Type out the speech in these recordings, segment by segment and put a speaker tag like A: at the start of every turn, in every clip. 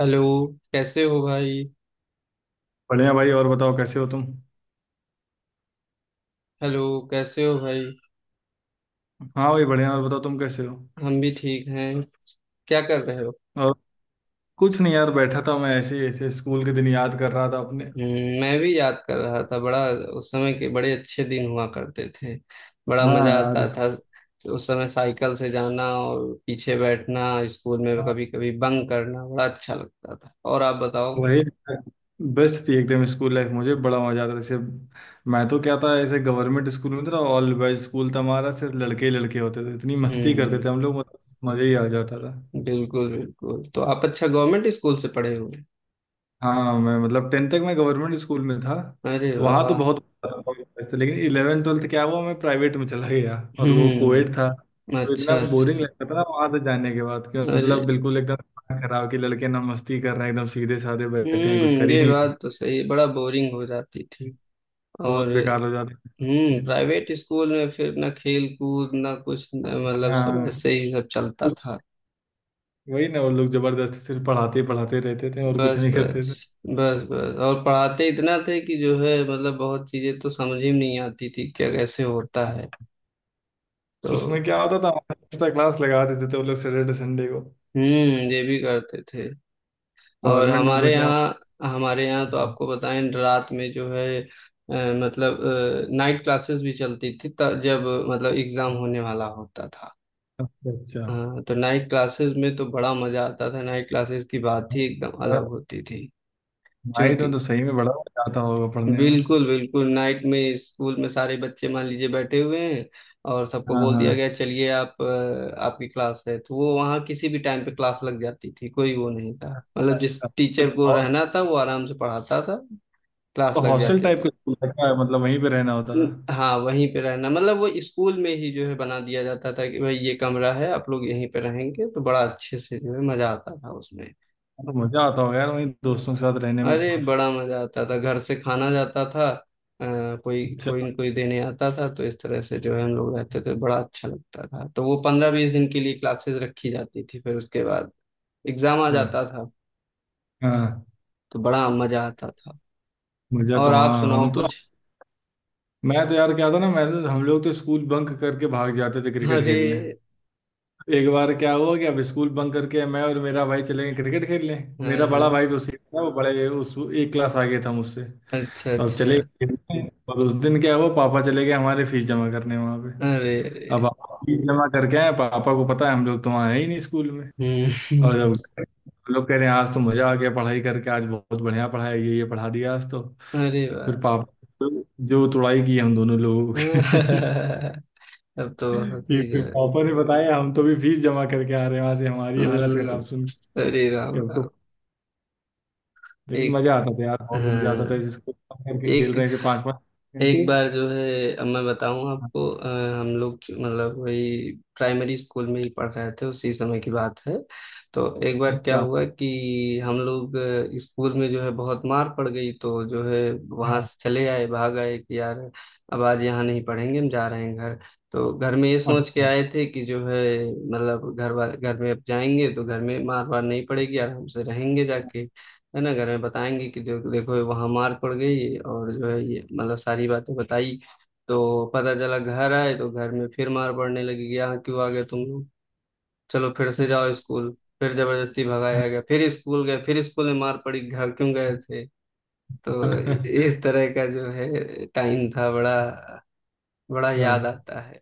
A: Hello. कैसे हो भाई?
B: बढ़िया भाई और बताओ कैसे हो तुम।
A: हेलो। कैसे हो भाई?
B: हाँ भाई बढ़िया और बताओ तुम कैसे हो।
A: हम भी ठीक हैं। क्या कर रहे हो?
B: और कुछ नहीं यार, बैठा था मैं ऐसे ही ऐसे, स्कूल के दिन याद कर रहा था अपने।
A: मैं भी याद कर रहा था बड़ा। उस समय के बड़े अच्छे दिन हुआ करते थे। बड़ा
B: हाँ
A: मजा
B: यार,
A: आता था। उस समय साइकिल से जाना और पीछे बैठना। स्कूल में
B: हाँ
A: कभी कभी बंक करना बड़ा अच्छा लगता था। और आप बताओ?
B: वही, बेस्ट थी एकदम स्कूल लाइफ, मुझे बड़ा मजा आता था। जैसे मैं तो क्या था, ऐसे गवर्नमेंट स्कूल में था, ऑल बॉयज स्कूल था हमारा, सिर्फ लड़के ही लड़के होते थे, इतनी मस्ती करते
A: हम्म।
B: थे हम लोग, मतलब मजा ही आ जाता था।
A: बिल्कुल बिल्कुल। तो आप अच्छा गवर्नमेंट स्कूल से पढ़े हुए हैं?
B: हाँ मैं, मतलब टेंथ तक मैं गवर्नमेंट स्कूल में था,
A: अरे
B: तो वहाँ तो
A: वाह।
B: बहुत था। लेकिन इलेवन ट्वेल्थ क्या हुआ, मैं प्राइवेट में चला गया और वो कोएड था,
A: हम्म।
B: तो इतना
A: अच्छा
B: बोरिंग
A: अच्छा।
B: लगता था ना वहाँ से जाने के बाद। कि
A: अरे।
B: मतलब बिल्कुल एकदम दिमाग खराब, कि लड़के ना मस्ती कर रहे हैं, एकदम सीधे साधे बैठे हैं कुछ कर ही
A: ये
B: नहीं।
A: बात तो सही है, बड़ा बोरिंग हो जाती थी।
B: बहुत
A: और।
B: बेकार हो जाते थे।
A: प्राइवेट स्कूल में फिर ना खेल कूद ना कुछ ना मतलब सब
B: हाँ,
A: ऐसे ही सब चलता
B: कुछ,
A: था।
B: वही ना, वो लोग जबरदस्ती सिर्फ पढ़ाते ही पढ़ाते रहते थे और कुछ
A: बस
B: नहीं करते
A: बस।
B: थे।
A: बस बस, और पढ़ाते इतना थे कि जो है मतलब बहुत चीजें तो समझ ही नहीं आती थी क्या कैसे होता है। तो।
B: उसमें क्या होता था, एक्स्ट्रा क्लास लगा देते थे वो लोग सैटरडे संडे को।
A: ये भी करते थे। और
B: गवर्नमेंट में तो
A: हमारे
B: क्या।
A: यहाँ हमारे यहाँ तो आपको बताएं, रात में जो है मतलब नाइट क्लासेस भी चलती थी, जब मतलब एग्जाम होने वाला होता था।
B: अच्छा अच्छा।
A: हाँ, तो नाइट क्लासेस में तो बड़ा मजा आता था। नाइट क्लासेस की बात ही
B: माइट
A: एकदम अलग होती थी।
B: में
A: क्योंकि।
B: तो सही में बड़ा मजा आता होगा पढ़ने में।
A: बिल्कुल बिल्कुल। नाइट में स्कूल में सारे बच्चे मान लीजिए बैठे हुए हैं, और सबको
B: हाँ
A: बोल दिया
B: हाँ।
A: गया चलिए आप, आपकी क्लास है, तो वो वहाँ किसी भी टाइम पे क्लास लग जाती थी, कोई वो नहीं था। मतलब जिस
B: अच्छा, तो
A: टीचर को
B: क्या,
A: रहना था वो आराम से पढ़ाता था,
B: तो
A: क्लास लग
B: हॉस्टल
A: जाती
B: टाइप का
A: थी।
B: स्कूल था क्या, मतलब वहीं पे रहना होता था?
A: हाँ, वहीं पे रहना, मतलब वो स्कूल में ही जो है बना दिया जाता था कि भाई ये कमरा है, आप लोग यहीं पे रहेंगे, तो बड़ा अच्छे से जो है मजा आता था उसमें।
B: तो मजा आता होगा यार, वहीं
A: तो।
B: दोस्तों के साथ रहने में तो।
A: अरे,
B: और
A: बड़ा मजा आता था। घर से खाना जाता था। कोई
B: अच्छा
A: कोई न कोई देने आता था, तो इस तरह से जो है हम लोग रहते थे, बड़ा अच्छा लगता था। तो वो 15-20 दिन के लिए क्लासेस रखी जाती थी, फिर उसके बाद एग्जाम आ
B: अच्छा।
A: जाता था।
B: हाँ,
A: तो बड़ा मजा आता था।
B: मजा तो,
A: और आप
B: हाँ हम
A: सुनाओ
B: तो,
A: कुछ?
B: मैं तो यार, क्या था ना, मैं तो, हम लोग तो स्कूल बंक करके भाग जाते थे क्रिकेट
A: अरे।
B: खेलने। एक बार क्या हुआ कि अब स्कूल बंक करके मैं और मेरा भाई चले गए क्रिकेट खेलने। मेरा
A: हाँ हाँ।
B: बड़ा भाई भी उसी का था, वो बड़े उस एक क्लास आगे था मुझसे,
A: अच्छा
B: तो अब
A: अच्छा।
B: चले गए खेलने। और उस दिन क्या हुआ, पापा चले गए हमारे फीस जमा करने वहाँ पे।
A: अरे
B: अब
A: अरे।
B: पापा फीस जमा करके आए, पापा को पता है हम लोग तो वहाँ है ही नहीं स्कूल में। और जब
A: हम्म।
B: हम लोग कह रहे हैं आज तो मजा आ गया पढ़ाई करके, आज बहुत बढ़िया पढ़ाया, ये पढ़ा दिया आज तो।
A: अरे
B: फिर
A: वाह।
B: पापा, जो तुड़ाई की हम दोनों लोगों की
A: अब तो बहुत
B: कि
A: ही जो
B: फिर
A: है।
B: पापा ने बताया हम तो भी फीस जमा करके आ रहे हैं वहां से, हमारी हालत
A: हम्म।
B: खराब सुन
A: अरे
B: के
A: राम
B: अब
A: राम।
B: तो। लेकिन
A: एक
B: मजा आता था यार, बहुत मजा आता
A: हाँ,
B: था, जिसको कम करके खेल
A: एक
B: रहे हैं, जैसे पांच पांच
A: एक
B: घंटे।
A: बार जो है, अब मैं बताऊं आपको। हम लोग मतलब वही प्राइमरी स्कूल में ही पढ़ रहे थे, उसी समय की बात है। तो एक बार क्या
B: अच्छा,
A: हुआ कि हम लोग स्कूल में जो है बहुत मार पड़ गई, तो जो है वहां
B: हाँ,
A: से चले आए, भाग आए कि यार अब आज यहाँ नहीं पढ़ेंगे, हम जा रहे हैं घर। तो घर में ये सोच के
B: अच्छा
A: आए थे कि जो है मतलब घर वाले, घर में अब जाएंगे तो घर में मार वार नहीं पड़ेगी, आराम से रहेंगे जाके। है ना, घर में बताएंगे कि देखो देखो वहां मार पड़ गई, और जो है ये मतलब सारी बातें बताई। तो पता चला घर आए तो घर में फिर मार पड़ने लगी कि यहाँ क्यों आ गए तुम लोग, चलो फिर से जाओ स्कूल। फिर जबरदस्ती भगाया गया, फिर स्कूल गए, फिर स्कूल में मार पड़ी घर क्यों गए थे। तो
B: अच्छा।
A: इस तरह का जो है टाइम था, बड़ा बड़ा याद आता है।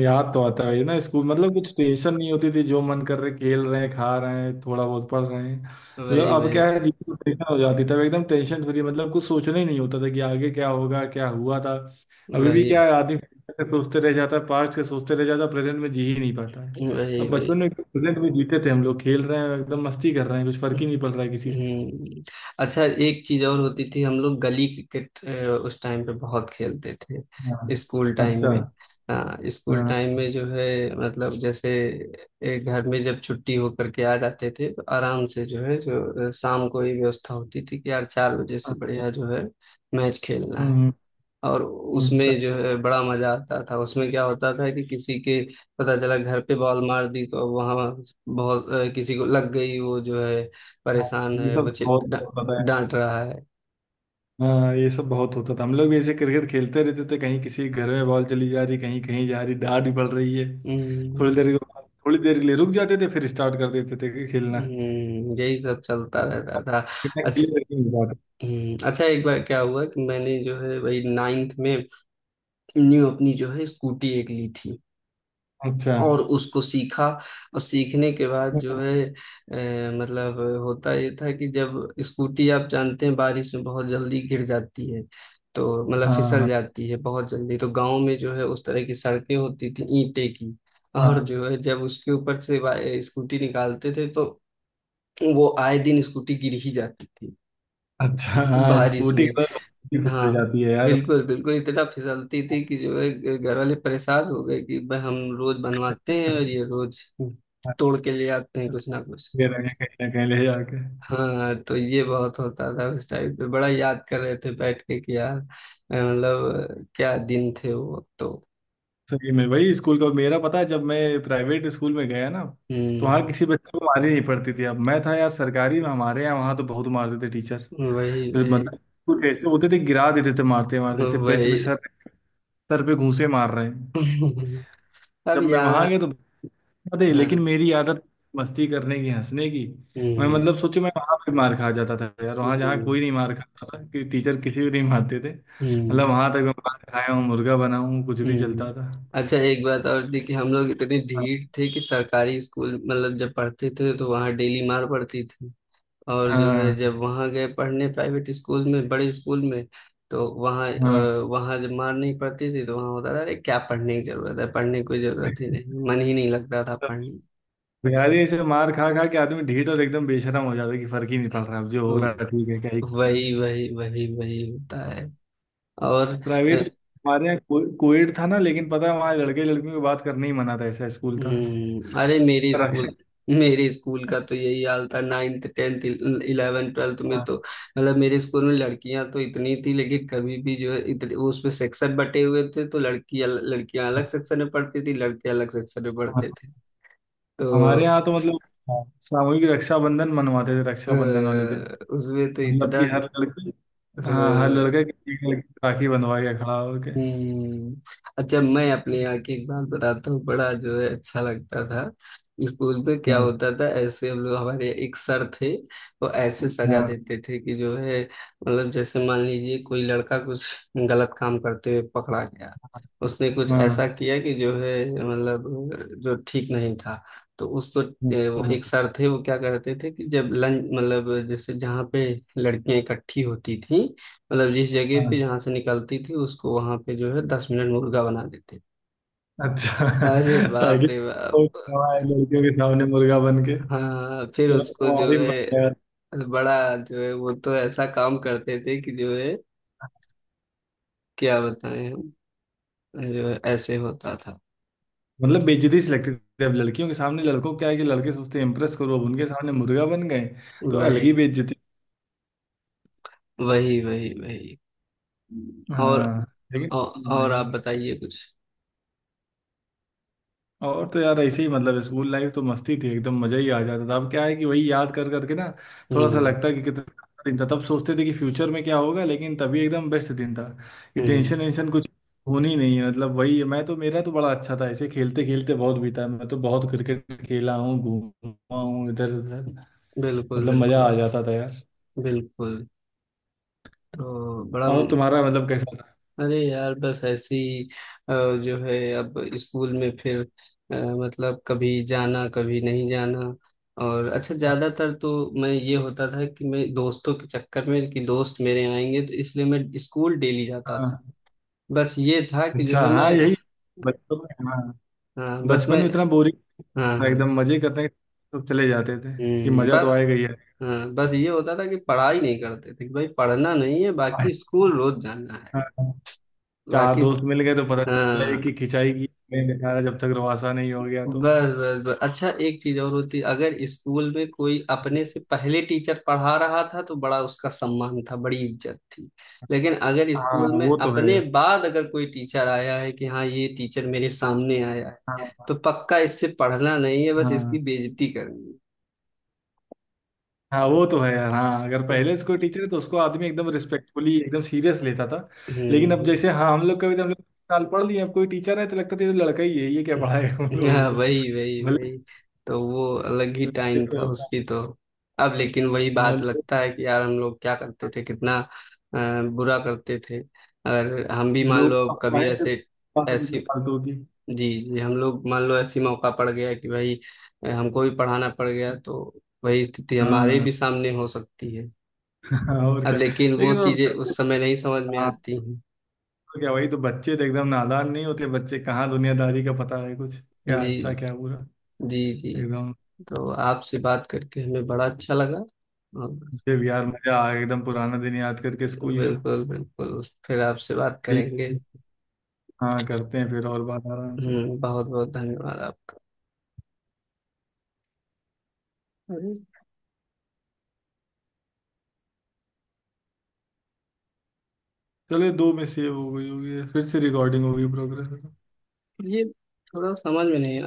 B: याद तो आता है ना स्कूल, मतलब कुछ टेंशन नहीं होती थी, जो मन कर रहे खेल रहे हैं खा रहे हैं थोड़ा बहुत पढ़ रहे हैं। मतलब
A: वही
B: अब
A: वही
B: क्या है, जीवन टेंशन हो जाती, तब एकदम टेंशन फ्री, मतलब कुछ सोचना ही नहीं होता था कि आगे क्या होगा क्या हुआ था। अभी भी
A: वही
B: क्या है, आदमी future के सोचते रह जाता है, पास्ट के सोचते रह जाता है, प्रेजेंट में जी ही नहीं पाता है।
A: वही
B: तब बचपन
A: वही।
B: में प्रेजेंट में जीते थे हम लोग, खेल रहे हैं एकदम मस्ती कर रहे हैं, कुछ फर्क ही नहीं पड़ रहा है किसी से।
A: हम्म। अच्छा, एक चीज और होती थी, हम लोग गली क्रिकेट उस टाइम पे बहुत खेलते
B: हाँ,
A: थे, स्कूल टाइम
B: अच्छा,
A: में। हाँ, स्कूल
B: हाँ,
A: टाइम में जो है मतलब जैसे एक घर में जब छुट्टी होकर के आ जाते थे तो आराम से जो है शाम को ये व्यवस्था होती थी कि यार 4 बजे से
B: अच्छा।
A: बढ़िया जो है मैच खेलना है।
B: हम्म,
A: और
B: अच्छा,
A: उसमें जो है बड़ा मजा आता था। उसमें क्या होता था कि किसी के पता चला घर पे बॉल मार दी, तो अब वहां बहुत किसी को लग गई, वो जो है
B: हाँ,
A: परेशान
B: ये
A: है, वो
B: सब बहुत होता था।
A: डांट रहा है।
B: हाँ, ये सब बहुत होता था, हम लोग भी ऐसे क्रिकेट खेलते रहते थे, कहीं किसी के घर में बॉल चली जा रही, कहीं कहीं जा रही, डांट भी पड़ रही है। थोड़ी
A: हम्म।
B: देर के बाद, थोड़ी देर के लिए रुक जाते थे, फिर स्टार्ट कर देते थे कि खेलना।
A: हम्म। यही सब चलता रहता था।
B: बिना
A: अच्छा।
B: खेले रखेंगे बात।
A: हम्म। अच्छा, एक बार क्या हुआ कि मैंने जो है वही नाइन्थ में न्यू अपनी जो है स्कूटी एक ली थी,
B: अच्छा,
A: और उसको सीखा। और सीखने के बाद जो है मतलब होता ये था कि जब स्कूटी, आप जानते हैं, बारिश में बहुत जल्दी गिर जाती है, तो मतलब फिसल
B: हाँ
A: जाती है बहुत जल्दी। तो गांव में जो है उस तरह की सड़कें होती थी ईंटे की, और
B: हाँ
A: जो है जब उसके ऊपर से स्कूटी निकालते थे तो वो आए दिन स्कूटी गिर ही जाती थी
B: अच्छा। हाँ,
A: बारिश
B: स्कूटी
A: में।
B: के साथ स्कूटी फिसल
A: हाँ।
B: जाती है यार।
A: बिल्कुल बिल्कुल, इतना फिसलती थी कि जो है घर वाले परेशान हो गए कि भाई हम रोज बनवाते हैं और ये रोज तोड़ के ले आते हैं कुछ ना कुछ।
B: ये रहे हैं कहीं ना कहीं ले जाके।
A: हाँ, तो ये बहुत होता था उस टाइम पे, बड़ा याद कर रहे थे बैठ के कि यार मतलब क्या दिन थे वो तो।
B: सही में वही स्कूल का, मेरा पता है जब मैं प्राइवेट स्कूल में गया ना, तो वहाँ
A: हम्म।
B: किसी बच्चे को मारी नहीं पड़ती थी। अब मैं था यार सरकारी में हमारे यहाँ, वहाँ तो बहुत मारते थे टीचर।
A: वही
B: फिर
A: वही
B: मतलब कुछ ऐसे होते थे, गिरा देते थे, मारते मारते ऐसे बेंच
A: वही।
B: पे सर, सर पे घूंसे मार रहे हैं।
A: अब
B: जब मैं वहां
A: यहाँ।
B: गया तो बता दे लेकिन
A: हाँ।
B: मेरी आदत मस्ती करने की, हंसने की। मैं
A: हम्म
B: मतलब सोचे मैं वहां पे मार खा जाता था यार,
A: हम्म
B: वहां जहाँ
A: हम्म
B: कोई नहीं मार खाता था, कि टीचर किसी भी नहीं मारते थे, मतलब
A: हम्म।
B: वहां तक मैं मार खाया हूँ, मुर्गा बना हूँ, कुछ भी
A: हम्म।
B: चलता था।
A: अच्छा, एक बात और थी कि हम लोग इतने ढीठ थे कि सरकारी स्कूल, मतलब जब पढ़ते थे तो वहाँ डेली मार पड़ती थी, और जो है जब
B: हाँ
A: वहाँ गए पढ़ने प्राइवेट स्कूल में, बड़े स्कूल में, तो
B: हाँ।
A: वहाँ जब मार नहीं पड़ती थी तो वहाँ होता था अरे क्या पढ़ने की जरूरत है, पढ़ने की कोई जरूरत ही नहीं, मन ही नहीं लगता था पढ़ने।
B: तो यार ये ऐसे मार खा खा के आदमी ढीठ और एकदम बेशरम हो जाता है, कि फर्क ही नहीं पड़ रहा, अब जो हो रहा है ठीक है, क्या ही
A: वही
B: करना।
A: वही वही वही होता है। और।
B: प्राइवेट में हमारे यहाँ कोविड था ना, लेकिन पता है वहाँ लड़के लड़कियों की बात करने ही मना था, ऐसा स्कूल था।
A: हम्म। अरे, मेरी
B: रक्षा
A: स्कूल मेरे स्कूल का तो यही हाल था। नाइन्थ टेंथ इलेवन ट्वेल्थ में
B: हाँ,
A: तो मतलब मेरे स्कूल में लड़कियां तो इतनी थी, लेकिन कभी भी जो है इतने वो उसमें सेक्शन बटे हुए थे, तो लड़कियां लड़कियां अलग सेक्शन में पढ़ती थी, लड़के अलग सेक्शन में
B: हाँ।
A: पढ़ते थे।
B: हमारे
A: तो
B: यहाँ तो मतलब, हाँ, सामूहिक रक्षाबंधन मनवाते थे
A: अ,
B: रक्षाबंधन वाले दिन।
A: उसमें तो
B: मतलब कि
A: इतना।
B: हर लड़की हाँ, हर लड़का किसी की एक लड़की को राखी बंधवा के खड़ा होके।
A: हम्म। अच्छा, मैं अपने यहाँ की एक बात बताता हूँ, बड़ा जो है अच्छा लगता था। स्कूल में क्या
B: हाँ,
A: होता था, ऐसे हम लोग, हमारे एक सर थे। वो ऐसे सजा
B: हाँ,
A: देते थे कि जो है मतलब जैसे मान लीजिए कोई लड़का कुछ गलत काम करते हुए पकड़ा गया, उसने कुछ ऐसा
B: हाँ,
A: किया कि जो है मतलब जो ठीक नहीं था, तो उसको वो
B: हाँ,
A: एक सर थे वो क्या करते थे कि जब लंच, मतलब जैसे जहाँ पे लड़कियां इकट्ठी होती थी, मतलब जिस जगह पे
B: हाँ।
A: जहाँ से निकलती थी, उसको वहां पे जो है 10 मिनट मुर्गा बना देते थे।
B: अच्छा
A: अरे बाप
B: ताकि
A: रे
B: वो
A: बाप।
B: हमारे लड़कियों के सामने मुर्गा बन के,
A: हाँ, फिर
B: फिर
A: उसको जो
B: हमारी बात है।
A: है बड़ा जो है, वो तो ऐसा काम करते थे कि जो है क्या बताएं हम, जो है ऐसे होता था।
B: मतलब बेइज्जती से लगती थी, अब लड़कियों के सामने लड़कों को क्या है, कि लड़के सोचते हैं इम्प्रेस करो, अब उनके सामने मुर्गा बन गए, तो अलग ही
A: वही
B: बेइज्जती।
A: वही वही वही। और।
B: हाँ, लेकिन हाँ
A: और आप
B: यार,
A: बताइए कुछ?
B: और तो यार ऐसे ही, मतलब स्कूल लाइफ तो मस्ती थी, एकदम मजा ही आ जाता था। अब क्या है कि वही याद कर करके ना थोड़ा सा
A: हम्म।
B: लगता है कि कितना दिन था, तब सोचते थे कि फ्यूचर में क्या होगा, लेकिन तभी एकदम बेस्ट दिन था कि
A: हम्म।
B: टेंशन वेंशन कुछ होनी नहीं है। मतलब वही, मैं तो, मेरा तो बड़ा अच्छा था, ऐसे खेलते खेलते बहुत बीता, मैं तो बहुत क्रिकेट खेला हूँ, घूमा हूँ इधर उधर,
A: बिल्कुल
B: मतलब मजा
A: बिल्कुल
B: आ जाता था यार।
A: बिल्कुल। तो बड़ा।
B: और तुम्हारा मतलब कैसा था?
A: अरे यार, बस ऐसी जो है, अब स्कूल में फिर मतलब कभी जाना कभी नहीं जाना। और अच्छा
B: हाँ
A: ज्यादातर तो मैं ये होता था कि मैं दोस्तों के चक्कर में, कि दोस्त मेरे आएंगे तो इसलिए मैं स्कूल डेली जाता
B: हाँ।
A: था। बस ये था कि जो
B: अच्छा,
A: है
B: हाँ
A: मैं।
B: यही बचपन में, हाँ,
A: हाँ, बस
B: बचपन
A: मैं।
B: में इतना बोरिंग
A: हाँ
B: था,
A: हाँ।
B: एकदम मजे करने सब चले जाते थे कि मजा तो
A: बस।
B: आएगा ही
A: हाँ, बस ये होता था कि पढ़ाई नहीं करते थे कि भाई पढ़ना नहीं है, बाकी
B: आएगा।
A: स्कूल रोज जाना है।
B: हाँ। चार
A: बाकी
B: दोस्त मिल गए तो पता चला है
A: हाँ।
B: कि खिंचाई की, नहीं निकाला जब तक रवासा नहीं हो गया तो।
A: बस बस बस। अच्छा, एक चीज और होती, अगर स्कूल में कोई अपने से पहले टीचर पढ़ा रहा था तो बड़ा उसका सम्मान था, बड़ी इज्जत थी। लेकिन अगर स्कूल
B: हाँ,
A: में
B: वो तो है
A: अपने
B: यार।
A: बाद अगर कोई टीचर आया है कि हाँ, ये टीचर मेरे सामने आया है,
B: हाँ,
A: तो पक्का इससे पढ़ना नहीं है, बस इसकी
B: हाँ,
A: बेइज्जती करनी है।
B: हाँ, वो तो है यार। हाँ, अगर पहले से कोई टीचर है तो उसको आदमी एकदम रिस्पेक्टफुली एकदम सीरियस लेता था। लेकिन
A: हम्म।
B: अब
A: हम्म।
B: जैसे, हाँ, हम लोग कभी तो, हम लोग साल पढ़ लिए, अब कोई टीचर है तो लगता था ये तो लड़का ही है, ये क्या पढ़ाएगा हम लोगों
A: हाँ,
B: को।
A: वही वही
B: भले
A: वही, तो वो अलग ही
B: ये
A: टाइम था
B: तो,
A: उसकी तो। अब लेकिन वही
B: हाँ,
A: बात
B: लोग,
A: लगता है कि यार हम लोग क्या करते
B: हाँ,
A: थे, कितना बुरा करते थे। अगर हम भी मान
B: लोग
A: लो अब कभी
B: अफवाहें तो
A: ऐसे
B: बात है,
A: ऐसी,
B: फालतू की।
A: जी जी, हम लोग मान लो ऐसी मौका पड़ गया कि भाई हमको भी पढ़ाना पड़ गया, तो वही स्थिति हमारे
B: हाँ
A: भी सामने हो सकती है।
B: और
A: अब
B: क्या।
A: लेकिन वो
B: लेकिन तो
A: चीजें
B: बच्चे,
A: उस समय नहीं समझ में
B: हाँ,
A: आती हैं।
B: तो क्या, वही तो, बच्चे तो एकदम नादान नहीं होते, बच्चे कहाँ दुनियादारी का पता है कुछ, क्या अच्छा
A: जी।
B: क्या बुरा,
A: जी जी।
B: एकदम।
A: तो आपसे बात करके हमें बड़ा अच्छा लगा। और।
B: मुझे भी यार मजा आ गया, एकदम पुराना दिन याद करके स्कूल का।
A: बिल्कुल बिल्कुल, फिर आपसे बात
B: ठीक,
A: करेंगे।
B: हाँ करते हैं फिर, और बात आराम से।
A: बहुत बहुत धन्यवाद आपका। अरे,
B: चलिए, दो में सेव हो गई होगी ये। फिर से रिकॉर्डिंग होगी प्रोग्रेस।
A: ये थोड़ा समझ में नहीं है।